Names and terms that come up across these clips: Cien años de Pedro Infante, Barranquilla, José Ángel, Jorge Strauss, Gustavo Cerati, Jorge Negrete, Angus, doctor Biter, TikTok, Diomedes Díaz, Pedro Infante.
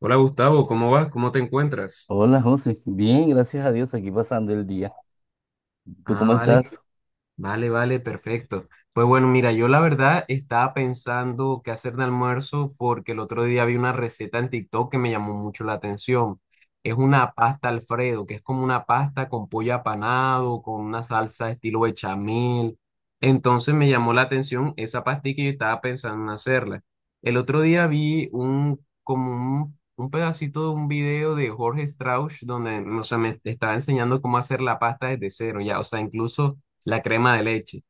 Hola Gustavo, ¿cómo vas? ¿Cómo te encuentras? Hola José, bien, gracias a Dios, aquí pasando el día. ¿Tú Ah, cómo vale. estás? Vale, vale, perfecto. Pues bueno, mira, yo la verdad estaba pensando qué hacer de almuerzo porque el otro día vi una receta en TikTok que me llamó mucho la atención. Es una pasta Alfredo, que es como una pasta con pollo apanado, con una salsa estilo bechamel. Entonces me llamó la atención esa pastilla y yo estaba pensando en hacerla. El otro día vi un, como un pedacito de un video de Jorge Strauss donde, no sé, me estaba enseñando cómo hacer la pasta desde cero, ya, o sea, incluso la crema de leche.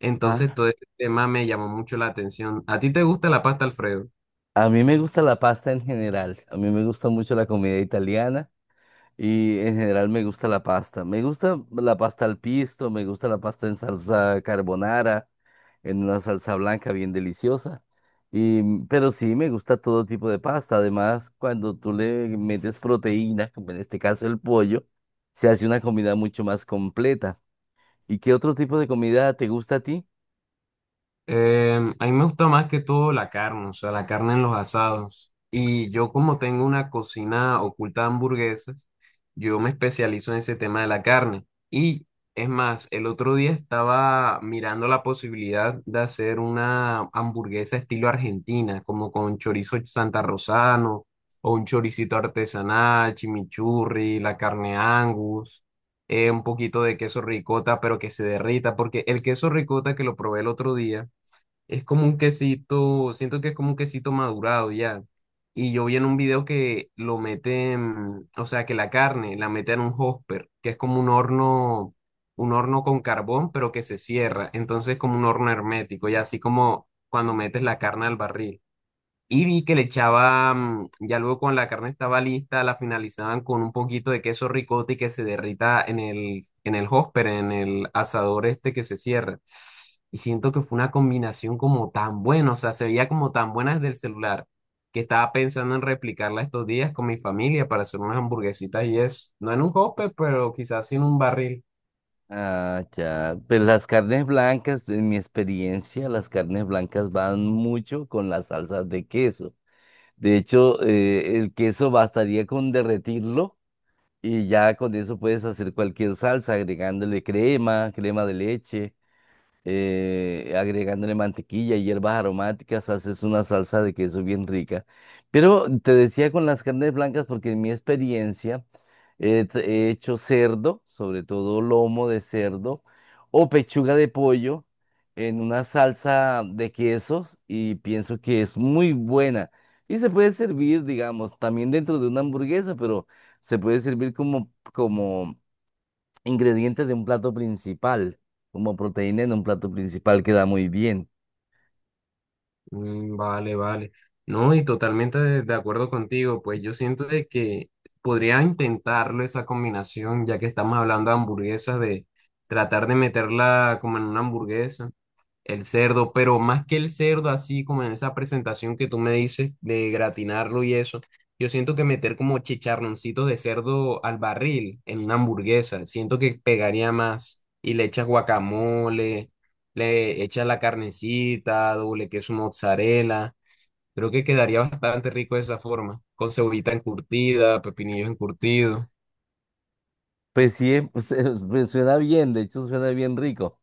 Entonces Ah, todo este tema me llamó mucho la atención. ¿A ti te gusta la pasta Alfredo? a mí me gusta la pasta en general, a mí me gusta mucho la comida italiana y en general me gusta la pasta. Me gusta la pasta al pisto, me gusta la pasta en salsa carbonara, en una salsa blanca bien deliciosa. Pero sí, me gusta todo tipo de pasta. Además, cuando tú le metes proteína, como en este caso el pollo, se hace una comida mucho más completa. ¿Y qué otro tipo de comida te gusta a ti? A mí me gusta más que todo la carne, o sea, la carne en los asados. Y yo como tengo una cocina oculta de hamburguesas, yo me especializo en ese tema de la carne. Y es más, el otro día estaba mirando la posibilidad de hacer una hamburguesa estilo argentina, como con chorizo santa rosano o un choricito artesanal, chimichurri, la carne Angus, un poquito de queso ricota, pero que se derrita, porque el queso ricota que lo probé el otro día, es como un quesito, siento que es como un quesito madurado ya. Y yo vi en un video que lo meten, o sea, que la carne la meten en un hopper, que es como un horno con carbón, pero que se cierra. Entonces, como un horno hermético, y así como cuando metes la carne al barril. Y vi que le echaban, ya luego cuando la carne estaba lista, la finalizaban con un poquito de queso ricotta y que se derrita en el hopper, en el asador este que se cierra. Y siento que fue una combinación como tan buena, o sea, se veía como tan buena desde el celular, que estaba pensando en replicarla estos días con mi familia para hacer unas hamburguesitas y eso. No en un hopper, pero quizás sí en un barril. Ah, ya. Pues las carnes blancas, en mi experiencia, las carnes blancas van mucho con las salsas de queso. De hecho, el queso bastaría con derretirlo y ya con eso puedes hacer cualquier salsa, agregándole crema, crema de leche, agregándole mantequilla y hierbas aromáticas, haces una salsa de queso bien rica. Pero te decía con las carnes blancas, porque en mi experiencia eh, t- he hecho cerdo, sobre todo lomo de cerdo, o pechuga de pollo en una salsa de quesos y pienso que es muy buena. Y se puede servir, digamos, también dentro de una hamburguesa, pero se puede servir como ingredientes de un plato principal, como proteína en un plato principal queda muy bien. Mm, vale, vale. No, y totalmente de acuerdo contigo, pues yo siento de que podría intentarlo esa combinación, ya que estamos hablando de hamburguesas, de tratar de meterla como en una hamburguesa. El cerdo, pero más que el cerdo, así como en esa presentación que tú me dices de gratinarlo y eso, yo siento que meter como chicharroncitos de cerdo al barril en una hamburguesa, siento que pegaría más y le echas guacamole, le echas la carnecita, doble queso mozzarella, creo que quedaría bastante rico de esa forma, con cebollita encurtida, pepinillos encurtidos. Pues sí, pues suena bien, de hecho suena bien rico.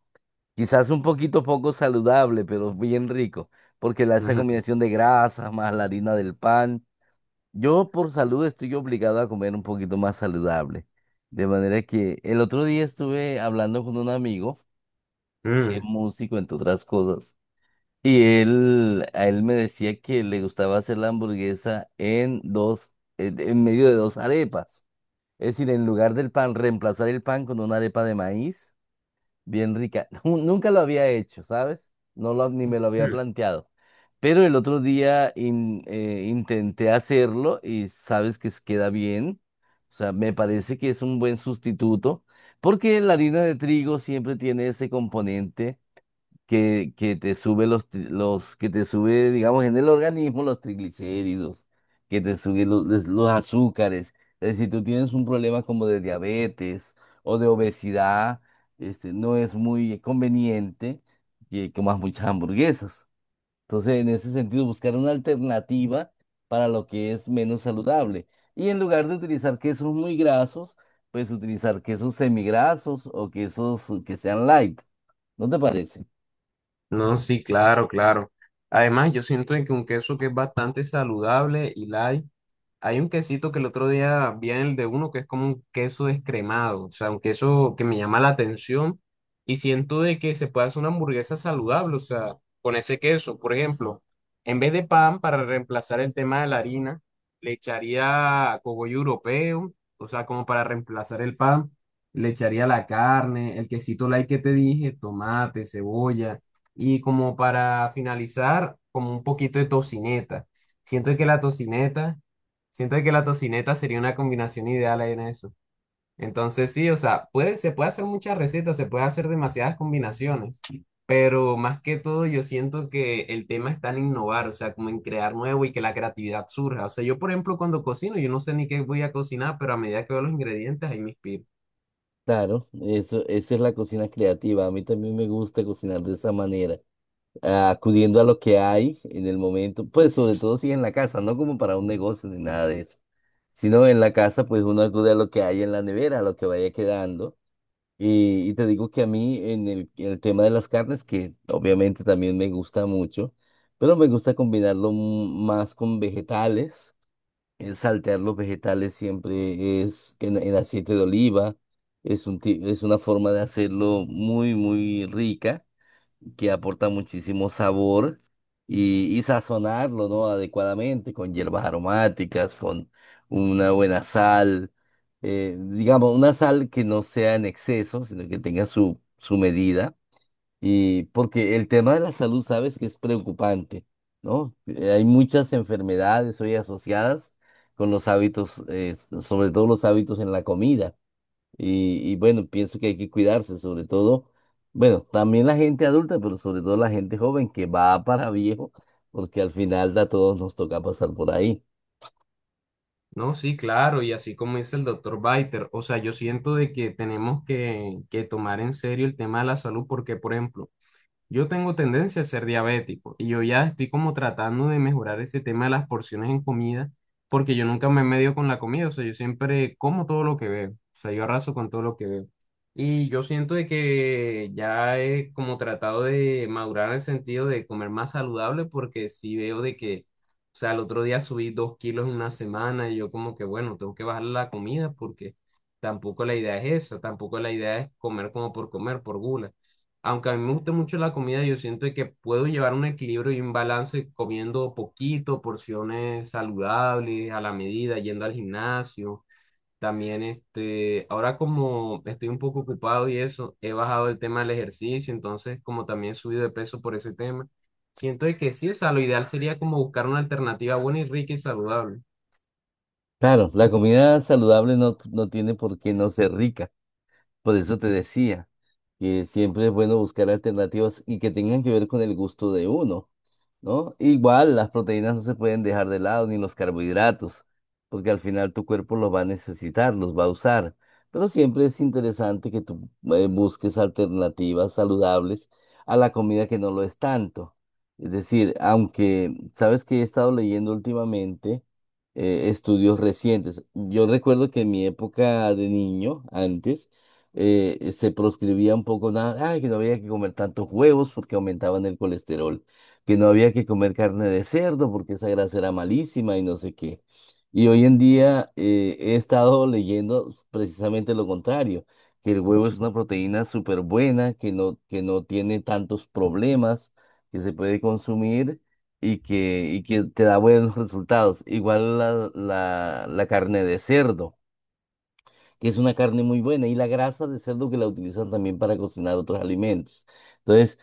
Quizás un poquito poco saludable, pero bien rico, porque esa combinación de grasas más la harina del pan. Yo por salud estoy obligado a comer un poquito más saludable. De manera que el otro día estuve hablando con un amigo que es Ujú. músico, entre otras cosas. A él me decía que le gustaba hacer la hamburguesa en dos, en medio de dos arepas. Es decir, en lugar del pan, reemplazar el pan con una arepa de maíz, bien rica. Nunca lo había hecho, ¿sabes? Ni me lo había Mm. planteado. Pero el otro día intenté hacerlo y sabes que queda bien. O sea, me parece que es un buen sustituto porque la harina de trigo siempre tiene ese componente que te sube que te sube, digamos, en el organismo los triglicéridos, que te sube los azúcares. Es decir, si tú tienes un problema como de diabetes o de obesidad, este, no es muy conveniente que comas muchas hamburguesas. Entonces, en ese sentido, buscar una alternativa para lo que es menos saludable. Y en lugar de utilizar quesos muy grasos, pues utilizar quesos semigrasos o quesos que sean light. ¿No te parece? No, sí, claro, claro. Además, yo siento de que un queso que es bastante saludable y light. Hay un quesito que el otro día vi en el de uno que es como un queso descremado, o sea, un queso que me llama la atención y siento de que se puede hacer una hamburguesa saludable, o sea, con ese queso, por ejemplo, en vez de pan para reemplazar el tema de la harina, le echaría cogollo europeo, o sea, como para reemplazar el pan, le echaría la carne, el quesito light que te dije, tomate, cebolla y como para finalizar, como un poquito de tocineta. Siento que la tocineta Siento que la tocineta sería una combinación ideal ahí en eso. Entonces sí, o sea, puede, se puede hacer muchas recetas, se puede hacer demasiadas combinaciones, pero más que todo yo siento que el tema está en innovar, o sea, como en crear nuevo y que la creatividad surja. O sea, yo por ejemplo cuando cocino, yo no sé ni qué voy a cocinar, pero a medida que veo los ingredientes ahí me inspiro. Claro, eso es la cocina creativa. A mí también me gusta cocinar de esa manera, ah, acudiendo a lo que hay en el momento, pues sobre todo si en la casa, no como para un negocio ni nada de eso, sino en la casa, pues uno acude a lo que hay en la nevera, a lo que vaya quedando. Y te digo que a mí en el tema de las carnes, que obviamente también me gusta mucho, pero me gusta más con vegetales, saltear los vegetales siempre es en aceite de oliva. Es es una forma de hacerlo muy, muy rica, que aporta muchísimo sabor y sazonarlo, ¿no?, adecuadamente con hierbas aromáticas, con una buena sal, digamos, una sal que no sea en exceso, sino que tenga su medida. Y porque el tema de la salud, sabes que es preocupante, ¿no? Hay muchas enfermedades hoy asociadas con los hábitos, sobre todo los hábitos en la comida. Y bueno, pienso que hay que cuidarse, sobre todo, bueno, también la gente adulta, pero sobre todo la gente joven que va para viejo, porque al final a todos nos toca pasar por ahí. No, sí, claro, y así como dice el doctor Biter, o sea, yo siento de que tenemos que tomar en serio el tema de la salud, porque por ejemplo, yo tengo tendencia a ser diabético y yo ya estoy como tratando de mejorar ese tema de las porciones en comida porque yo nunca me medio con la comida, o sea, yo siempre como todo lo que veo, o sea, yo arraso con todo lo que veo. Y yo siento de que ya he como tratado de madurar en el sentido de comer más saludable porque sí veo de que, o sea, el otro día subí 2 kilos en una semana y yo como que, bueno, tengo que bajar la comida porque tampoco la idea es esa, tampoco la idea es comer como por comer, por gula, aunque a mí me gusta mucho la comida, yo siento que puedo llevar un equilibrio y un balance comiendo poquito, porciones saludables, a la medida, yendo al gimnasio. También, este, ahora como estoy un poco ocupado y eso, he bajado el tema del ejercicio, entonces como también he subido de peso por ese tema, siento de que sí, o sea, lo ideal sería como buscar una alternativa buena y rica y saludable. Claro, la comida saludable no tiene por qué no ser rica, por eso te decía que siempre es bueno buscar alternativas y que tengan que ver con el gusto de uno, ¿no? Igual las proteínas no se pueden dejar de lado, ni los carbohidratos, porque al final tu cuerpo los va a necesitar, los va a usar. Pero siempre es interesante que tú busques alternativas saludables a la comida que no lo es tanto. Es decir, aunque sabes que he estado leyendo últimamente estudios recientes. Yo recuerdo que en mi época de niño, antes, se proscribía un poco nada, ay, que no había que comer tantos huevos porque aumentaban el colesterol, que no había que comer carne de cerdo porque esa grasa era malísima y no sé qué. Y hoy en día he estado leyendo precisamente lo contrario, que el huevo es una proteína súper buena, que no tiene tantos problemas, que se puede consumir y que te da buenos resultados. Igual la carne de cerdo, que es una carne muy buena, y la grasa de cerdo que la utilizan también para cocinar otros alimentos. Entonces,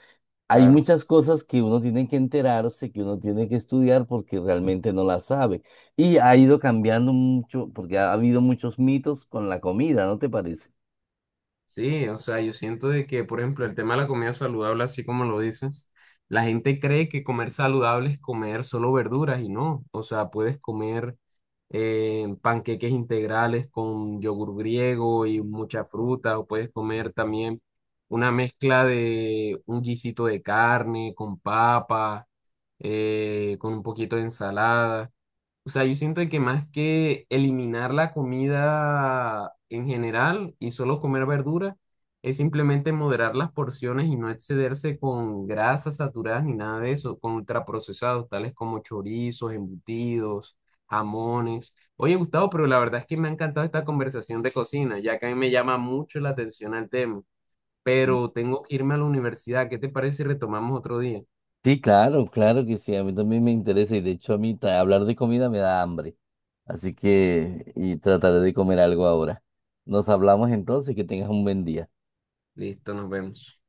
hay Claro. muchas cosas que uno tiene que enterarse, que uno tiene que estudiar porque realmente no las sabe. Y ha ido cambiando mucho porque ha habido muchos mitos con la comida, ¿no te parece? Sí, o sea, yo siento de que, por ejemplo, el tema de la comida saludable, así como lo dices, la gente cree que comer saludable es comer solo verduras y no, o sea, puedes comer panqueques integrales con yogur griego y mucha fruta, o puedes comer también una mezcla de un guisito de carne con papa, con un poquito de ensalada. O sea, yo siento que más que eliminar la comida en general y solo comer verduras, es simplemente moderar las porciones y no excederse con grasas saturadas ni nada de eso, con ultraprocesados, tales como chorizos, embutidos, jamones. Oye, Gustavo, pero la verdad es que me ha encantado esta conversación de cocina, ya que a mí me llama mucho la atención al tema, pero tengo que irme a la universidad. ¿Qué te parece si retomamos otro día? Sí, claro, claro que sí, a mí también me interesa y de hecho a mí hablar de comida me da hambre, así que trataré de comer algo ahora. Nos hablamos entonces, que tengas un buen día. Listo, nos vemos.